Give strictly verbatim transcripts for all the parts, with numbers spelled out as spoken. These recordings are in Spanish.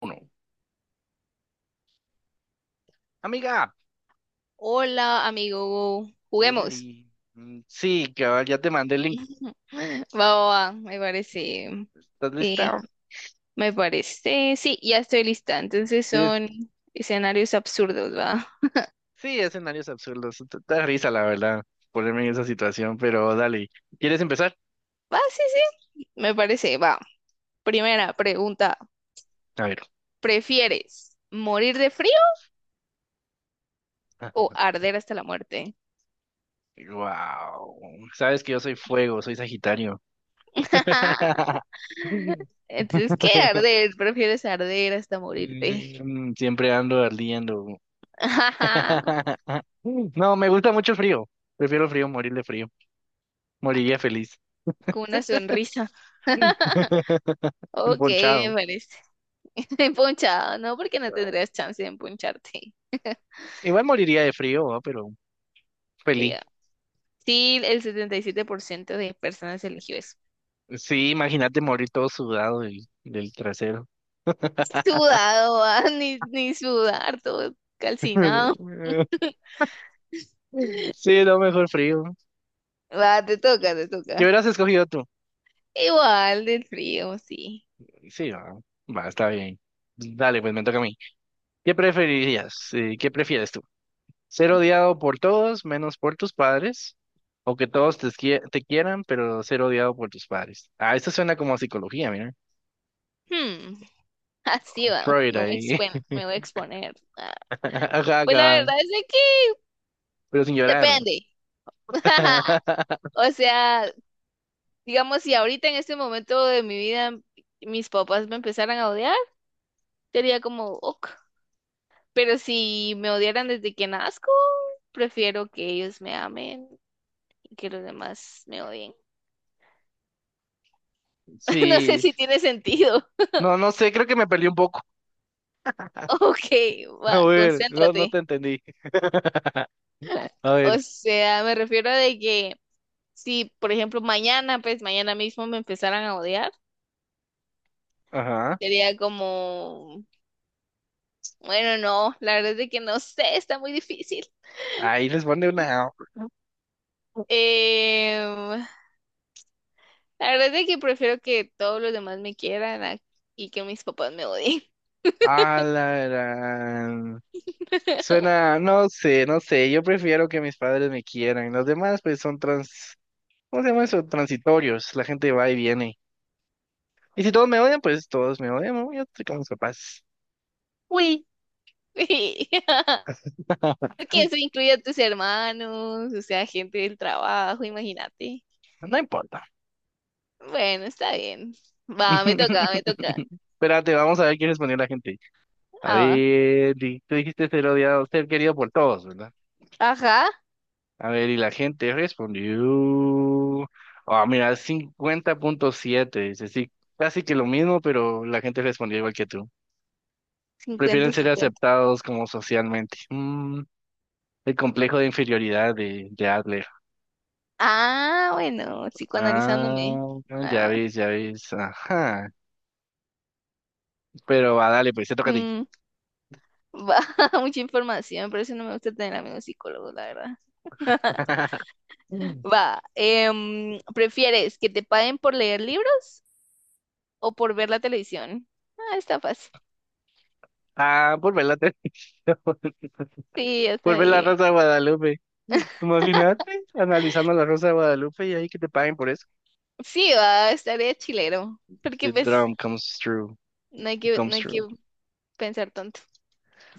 Uno. Amiga, Hola, amigo, juguemos. Oli. Mm, sí, cabal, ya te mandé el link. Va, va, va, me parece. ¿Estás lista? eh, me parece. Sí, ya estoy lista. Entonces ¿Quieres? son escenarios absurdos, ¿va? Sí, escenarios absurdos. Te- te da risa, la verdad, ponerme en esa situación, pero dale. ¿Quieres empezar? Va, sí, sí, me parece. Va. Primera pregunta. A ver. ¿Prefieres morir de frío o arder hasta la muerte? Wow. Sabes que yo soy fuego, soy Sagitario. Entonces, ¿qué arder? ¿Prefieres arder hasta morirte? Mm, Siempre ando ardiendo. No, me gusta mucho el frío. Prefiero el frío, morir de frío. Moriría feliz. Con una sonrisa. Ok, me Emponchado. parece. Empunchado, no, porque no tendrías chance de empuncharte. Igual moriría de frío, ¿va? Pero Sí, feliz. ah. Sí, el setenta y siete por ciento de personas eligió eso. Sí, imagínate morir todo sudado y del trasero. Sudado, ah, Ni, ni sudar, todo calcinado. Sí, no, mejor frío. Va, te toca, te ¿Qué toca. hubieras escogido tú? Igual del frío, sí. Sí, va, va, está bien. Dale, pues me toca a mí. ¿Qué preferirías? Eh, ¿Qué prefieres tú? ¿Ser odiado por todos menos por tus padres? ¿O que todos te, esquie- te quieran, pero ser odiado por tus padres? Ah, esto suena como a psicología, mira. Hmm, así va, Freud me voy a ahí. exponer, me voy a exponer. Ah, Ajá, pues la ajá, verdad es de que pero sin llorar, ¿no? depende. O sea, digamos, si ahorita en este momento de mi vida mis papás me empezaran a odiar, sería como, ok. Pero si me odiaran desde que nazco, prefiero que ellos me amen y que los demás me odien. No sé Sí, si tiene sentido. no, no sé, creo que me perdí un poco. Ok, A va, ver, no, no te concéntrate. entendí. A O ver, sea, me refiero a de que si, por ejemplo, mañana, pues mañana mismo me empezaran a odiar, ajá. sería como, bueno, no, la verdad es de que no sé, está muy difícil. Ahí les pone una. Em, la verdad es de que prefiero que todos los demás me quieran a- y que mis papás me odien. A la gran. Suena, no sé, no sé. Yo prefiero que mis padres me quieran. Los demás, pues, son trans. ¿Cómo se llama eso? Transitorios. La gente va y viene. Y si todos me odian, pues todos me odian, ¿no? Yo estoy con mis papás. Uy. Sí. Porque eso incluye a tus hermanos, o sea, gente del trabajo, imagínate. No importa. Bueno, está bien. Va, me toca, me toca. Espérate, vamos a ver qué respondió la gente. A Ah, va. ver, di- tú dijiste ser odiado, ser querido por todos, ¿verdad? Ajá, A ver, y la gente respondió. Ah, mira, cincuenta punto siete dice, sí, casi que lo mismo, pero la gente respondió igual que tú. Prefieren cincuenta ser cincuenta aceptados como socialmente. Mm, el complejo de inferioridad de, de Adler. Ah, bueno, psicoanalizándome. Ah, ya Ah, ves, ya ves. Ajá. Pero va, dale, pues, se toca a ti. mm, va, mucha información, por eso no me gusta tener amigos psicólogos, la verdad. Mm. Va, em, ¿prefieres que te paguen por leer libros o por ver la televisión? Ah, está fácil. Ah, por ver la televisión. Sí, está Por ver la bien. Rosa de Guadalupe. Imagínate, analizando la Rosa de Guadalupe y ahí que te paguen por eso. Sí, va, estaría chilero, The porque pues drum comes true. no hay It que, no comes hay que true. pensar tanto.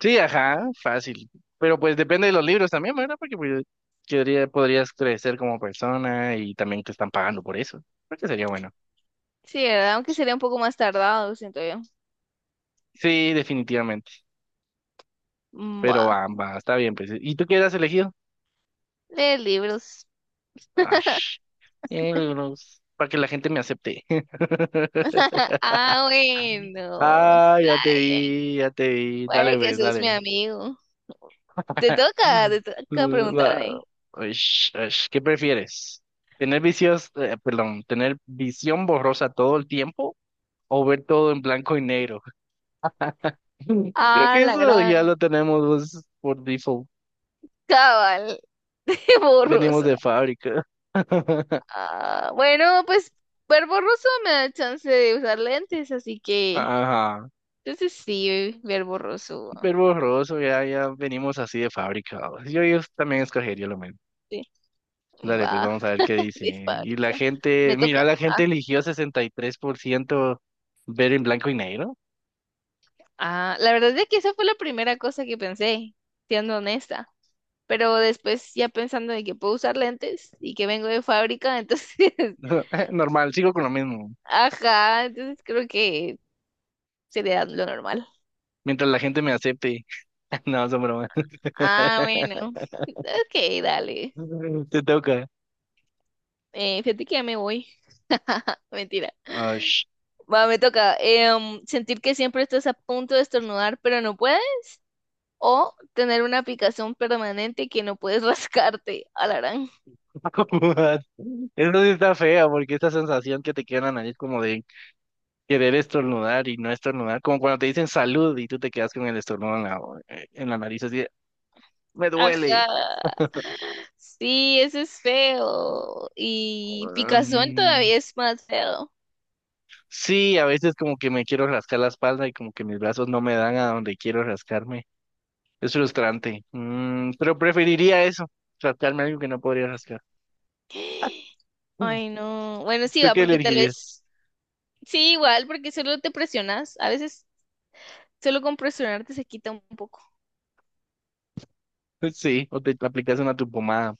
Sí, ajá, fácil. Pero pues depende de los libros también, ¿verdad? Porque pues, quedaría, podrías crecer como persona y también te están pagando por eso. Creo que sería bueno. Sí, ¿verdad? Aunque sería un poco más tardado, siento yo. Sí, definitivamente. Pero Buah, ambas, está bien, pues. ¿Y tú qué has elegido? leer libros. Ah, sh- eh, libros, para que la gente me acepte. Ah, bueno. Ah, Está ya te bien. vi, ya te vi. Dale, Puede que pues, sos mi dale. amigo. Te Eh, toca, te toca mm, la- preguntarme. Uish, uish, ¿qué prefieres? ¿Tener vicios, eh, perdón, tener visión borrosa todo el tiempo o ver todo en blanco y negro? Creo Ah, que la eso gran ya lo tenemos, pues, por default. cabal de Venimos borroso. de fábrica. Ah, bueno, pues ver borroso me da chance de usar lentes, así que Ajá. entonces sí, ver borroso. Ver borroso, ya, ya venimos así de fábrica. Yo, yo también escogería lo mismo. Sí, Dale, pues va, vamos a ver qué de dicen. Y la fábrica. gente, Me toca. mira, la gente eligió sesenta y tres por ciento ver en blanco y negro. Ah, la verdad es que esa fue la primera cosa que pensé, siendo honesta. Pero después ya pensando de que puedo usar lentes y que vengo de fábrica, entonces, Normal, sigo con lo mismo. ajá, entonces creo que sería lo normal. Mientras la gente me acepte. No, son bromas. Ah, bueno. Ok, dale. Te toca. Eh, fíjate que ya me voy. Mentira. Ah, sh- Va, me toca, em, sentir que siempre estás a punto de estornudar, pero no puedes. O tener una picazón permanente que no puedes rascarte. Alarán. Eso sí está fea, porque esta sensación que te queda en la nariz como de querer estornudar y no estornudar, como cuando te dicen salud y tú te quedas con el estornudo en la, eh, en la nariz así, de, me Ajá. duele. Sí, ese es feo. Y picazón Mm, todavía es más feo. sí, a veces como que me quiero rascar la espalda y como que mis brazos no me dan a donde quiero rascarme. Es frustrante. Mm, pero preferiría eso, rascarme algo que no podría rascar. Ay, no. Bueno, sí, ¿Tú va, qué porque tal elegirías? vez. Sí, igual, porque solo te presionas. A veces solo con presionarte se quita un poco. Sí, o te aplicas una tu pomada.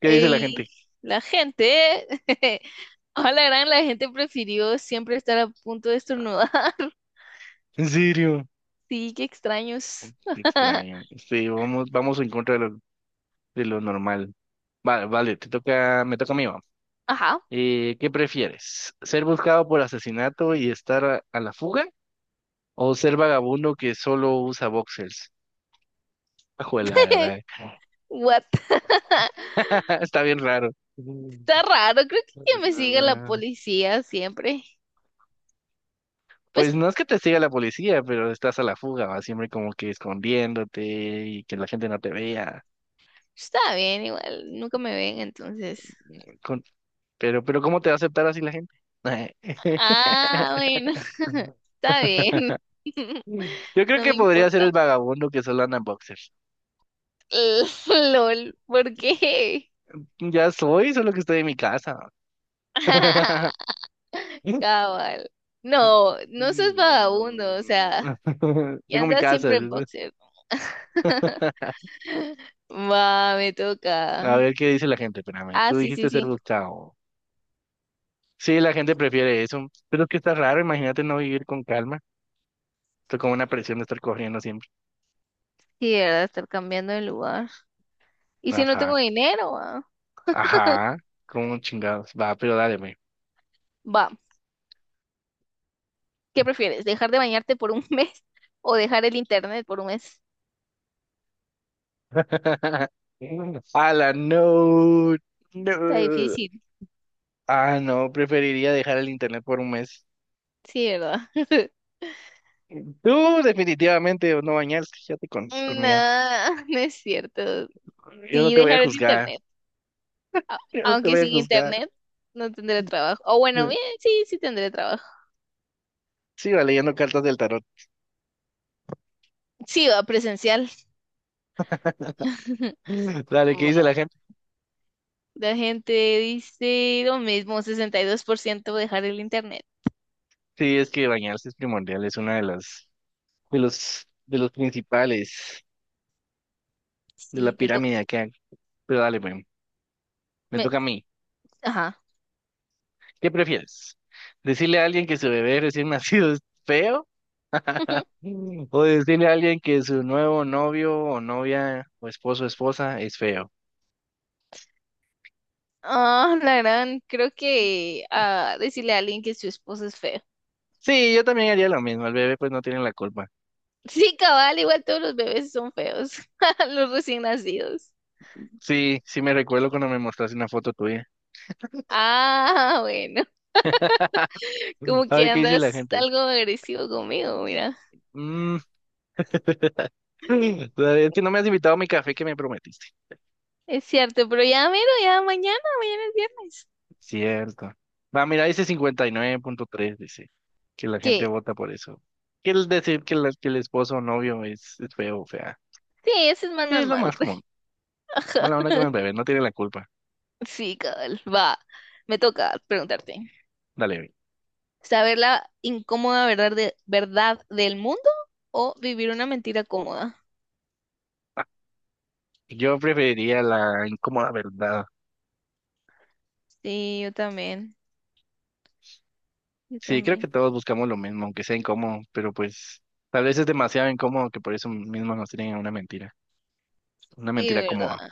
¿Qué dice la Y gente? la gente. A la gran, la gente prefirió siempre estar a punto de estornudar. ¿En serio? Sí, qué Mm, extraños. Qué extraño. Sí, vamos, vamos en contra de lo, de lo normal. Vale, vale, te toca, me toca a mí, va. Ajá. Eh, ¿qué prefieres? ¿Ser buscado por asesinato y estar a, a la fuga? ¿O ser vagabundo que solo usa boxers? Ajuela, What? está bien raro. Está raro, creo que que me sigue la policía siempre. Pues Pues no es que te siga la policía, pero estás a la fuga, ¿va? Siempre como que escondiéndote y que la gente no te vea. está bien, igual, nunca me ven, entonces. Con- Pero, pero ¿cómo te va a aceptar así la gente? Ah, bueno, está bien. Yo creo No que me podría ser importa. el vagabundo que solo anda en boxers. LOL, ¿por qué? Ya soy, solo que estoy en mi casa. Cabal. No, no seas vagabundo, o sea, y Tengo mi andas casa. siempre en boxer. Va, me A toca. ver qué dice la gente, espérame. Ah, Tú sí, dijiste sí, ser sí. buscado. Sí, la gente prefiere eso, pero es que está raro, imagínate no vivir con calma. Tú como una presión de estar corriendo siempre. Sí, ¿verdad? Estar cambiando de lugar. ¿Y si no tengo Ajá, dinero? Ah. ajá, como chingados. Va, pero dáleme. Va, ¿qué prefieres? ¿Dejar de bañarte por un mes o dejar el internet por un mes? Ala, no, Está no. difícil, Ah, no, preferiría dejar el internet por un mes. sí, ¿verdad? Tú definitivamente no bañaste, ya te con conmigo. No, no es cierto. Yo no Sí, te voy a dejar el juzgar, internet. A- yo no te Aunque voy a sin juzgar. internet no tendré trabajo. O bueno, bien, sí, sí tendré trabajo. Sigo leyendo cartas del tarot. Sí, va presencial. Dale, ¿qué dice Va. la gente? La gente dice lo mismo. Sesenta y dos por ciento, dejar el internet. Sí, es que bañarse es primordial, es una de las, de los, de los principales de la Sí, te toca. pirámide que hay. Pero dale, pues. Me toca a mí. Ajá. ¿Qué prefieres? ¿Decirle a alguien que su bebé recién nacido es feo? ¿O decirle a alguien que su nuevo novio o novia o esposo o esposa es feo? Ah, la gran, creo que ah, decirle a alguien que su esposo es feo. Sí, yo también haría lo mismo. El bebé pues no tiene la culpa. Sí, cabal, igual todos los bebés son feos, los recién nacidos. Sí, sí me recuerdo cuando me mostraste una foto tuya. Ah, bueno, como A que ver qué dice la andas gente. algo agresivo conmigo, mira. Mm, es que no me has invitado a mi café que me prometiste. Es cierto, pero ya miro, ya mañana, mañana es viernes. Cierto. Va, mira, dice cincuenta y nueve punto tres dice que la gente ¿Qué? vota por eso. Quiere decir que, la- que el esposo o novio es, es feo o fea. Sí, eso es más Sí, es lo normal. más común. Mala onda con el bebé, no tiene la culpa. Sí, cabal, va. Me toca preguntarte, Dale, güey. ¿saber la incómoda verdad, de, verdad del mundo o vivir una mentira cómoda? Ah, yo preferiría la incómoda verdad. Sí, yo también, yo Sí, creo que también. todos buscamos lo mismo, aunque sea incómodo, pero pues tal vez es demasiado incómodo que por eso mismo nos tienen a una mentira. Una Sí, mentira ¿verdad? cómoda.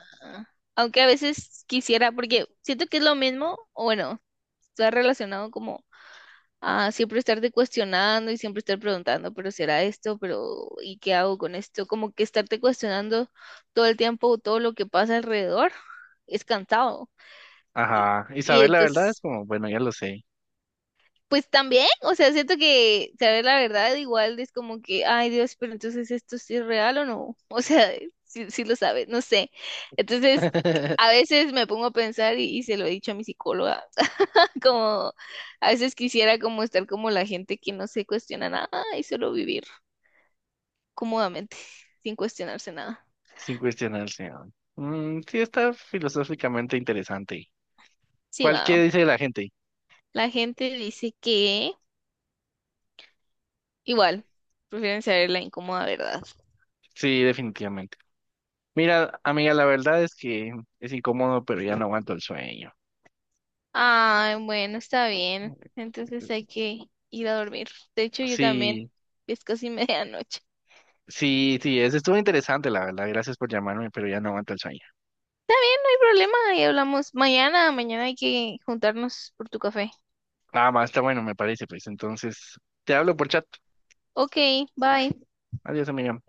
Aunque a veces quisiera, porque siento que es lo mismo, o bueno, está relacionado como a siempre estarte cuestionando y siempre estar preguntando, pero será esto, pero ¿y qué hago con esto? Como que estarte cuestionando todo el tiempo todo lo que pasa alrededor es cansado. Y, Ajá. Y y saber la verdad es entonces como, bueno, ya lo sé. pues también, o sea, siento que saber la verdad igual es como que, ay Dios, pero entonces esto sí es real o no, o sea, sí, sí lo sabes, no sé. Entonces, a veces me pongo a pensar y, y se lo he dicho a mi psicóloga, como a veces quisiera como estar como la gente que no se cuestiona nada y solo vivir cómodamente, sin cuestionarse nada. Sin cuestionar al Señor. Mm, sí, está filosóficamente interesante. Sí, ¿Cuál va. qué dice la gente? La gente dice que igual, prefieren saber la incómoda verdad. Sí, definitivamente. Mira, amiga, la verdad es que es incómodo, pero ya no aguanto el sueño. Ay, bueno, está bien. Entonces hay que ir a dormir. De hecho, yo también. Sí, Es casi medianoche. sí, sí, es, estuvo interesante, la verdad. Gracias por llamarme, pero ya no aguanto el sueño. No hay problema, ahí hablamos mañana. Mañana hay que juntarnos por tu café. Nada más, está bueno, me parece, pues. Entonces, te hablo por chat. Ok, bye. Adiós, amiga.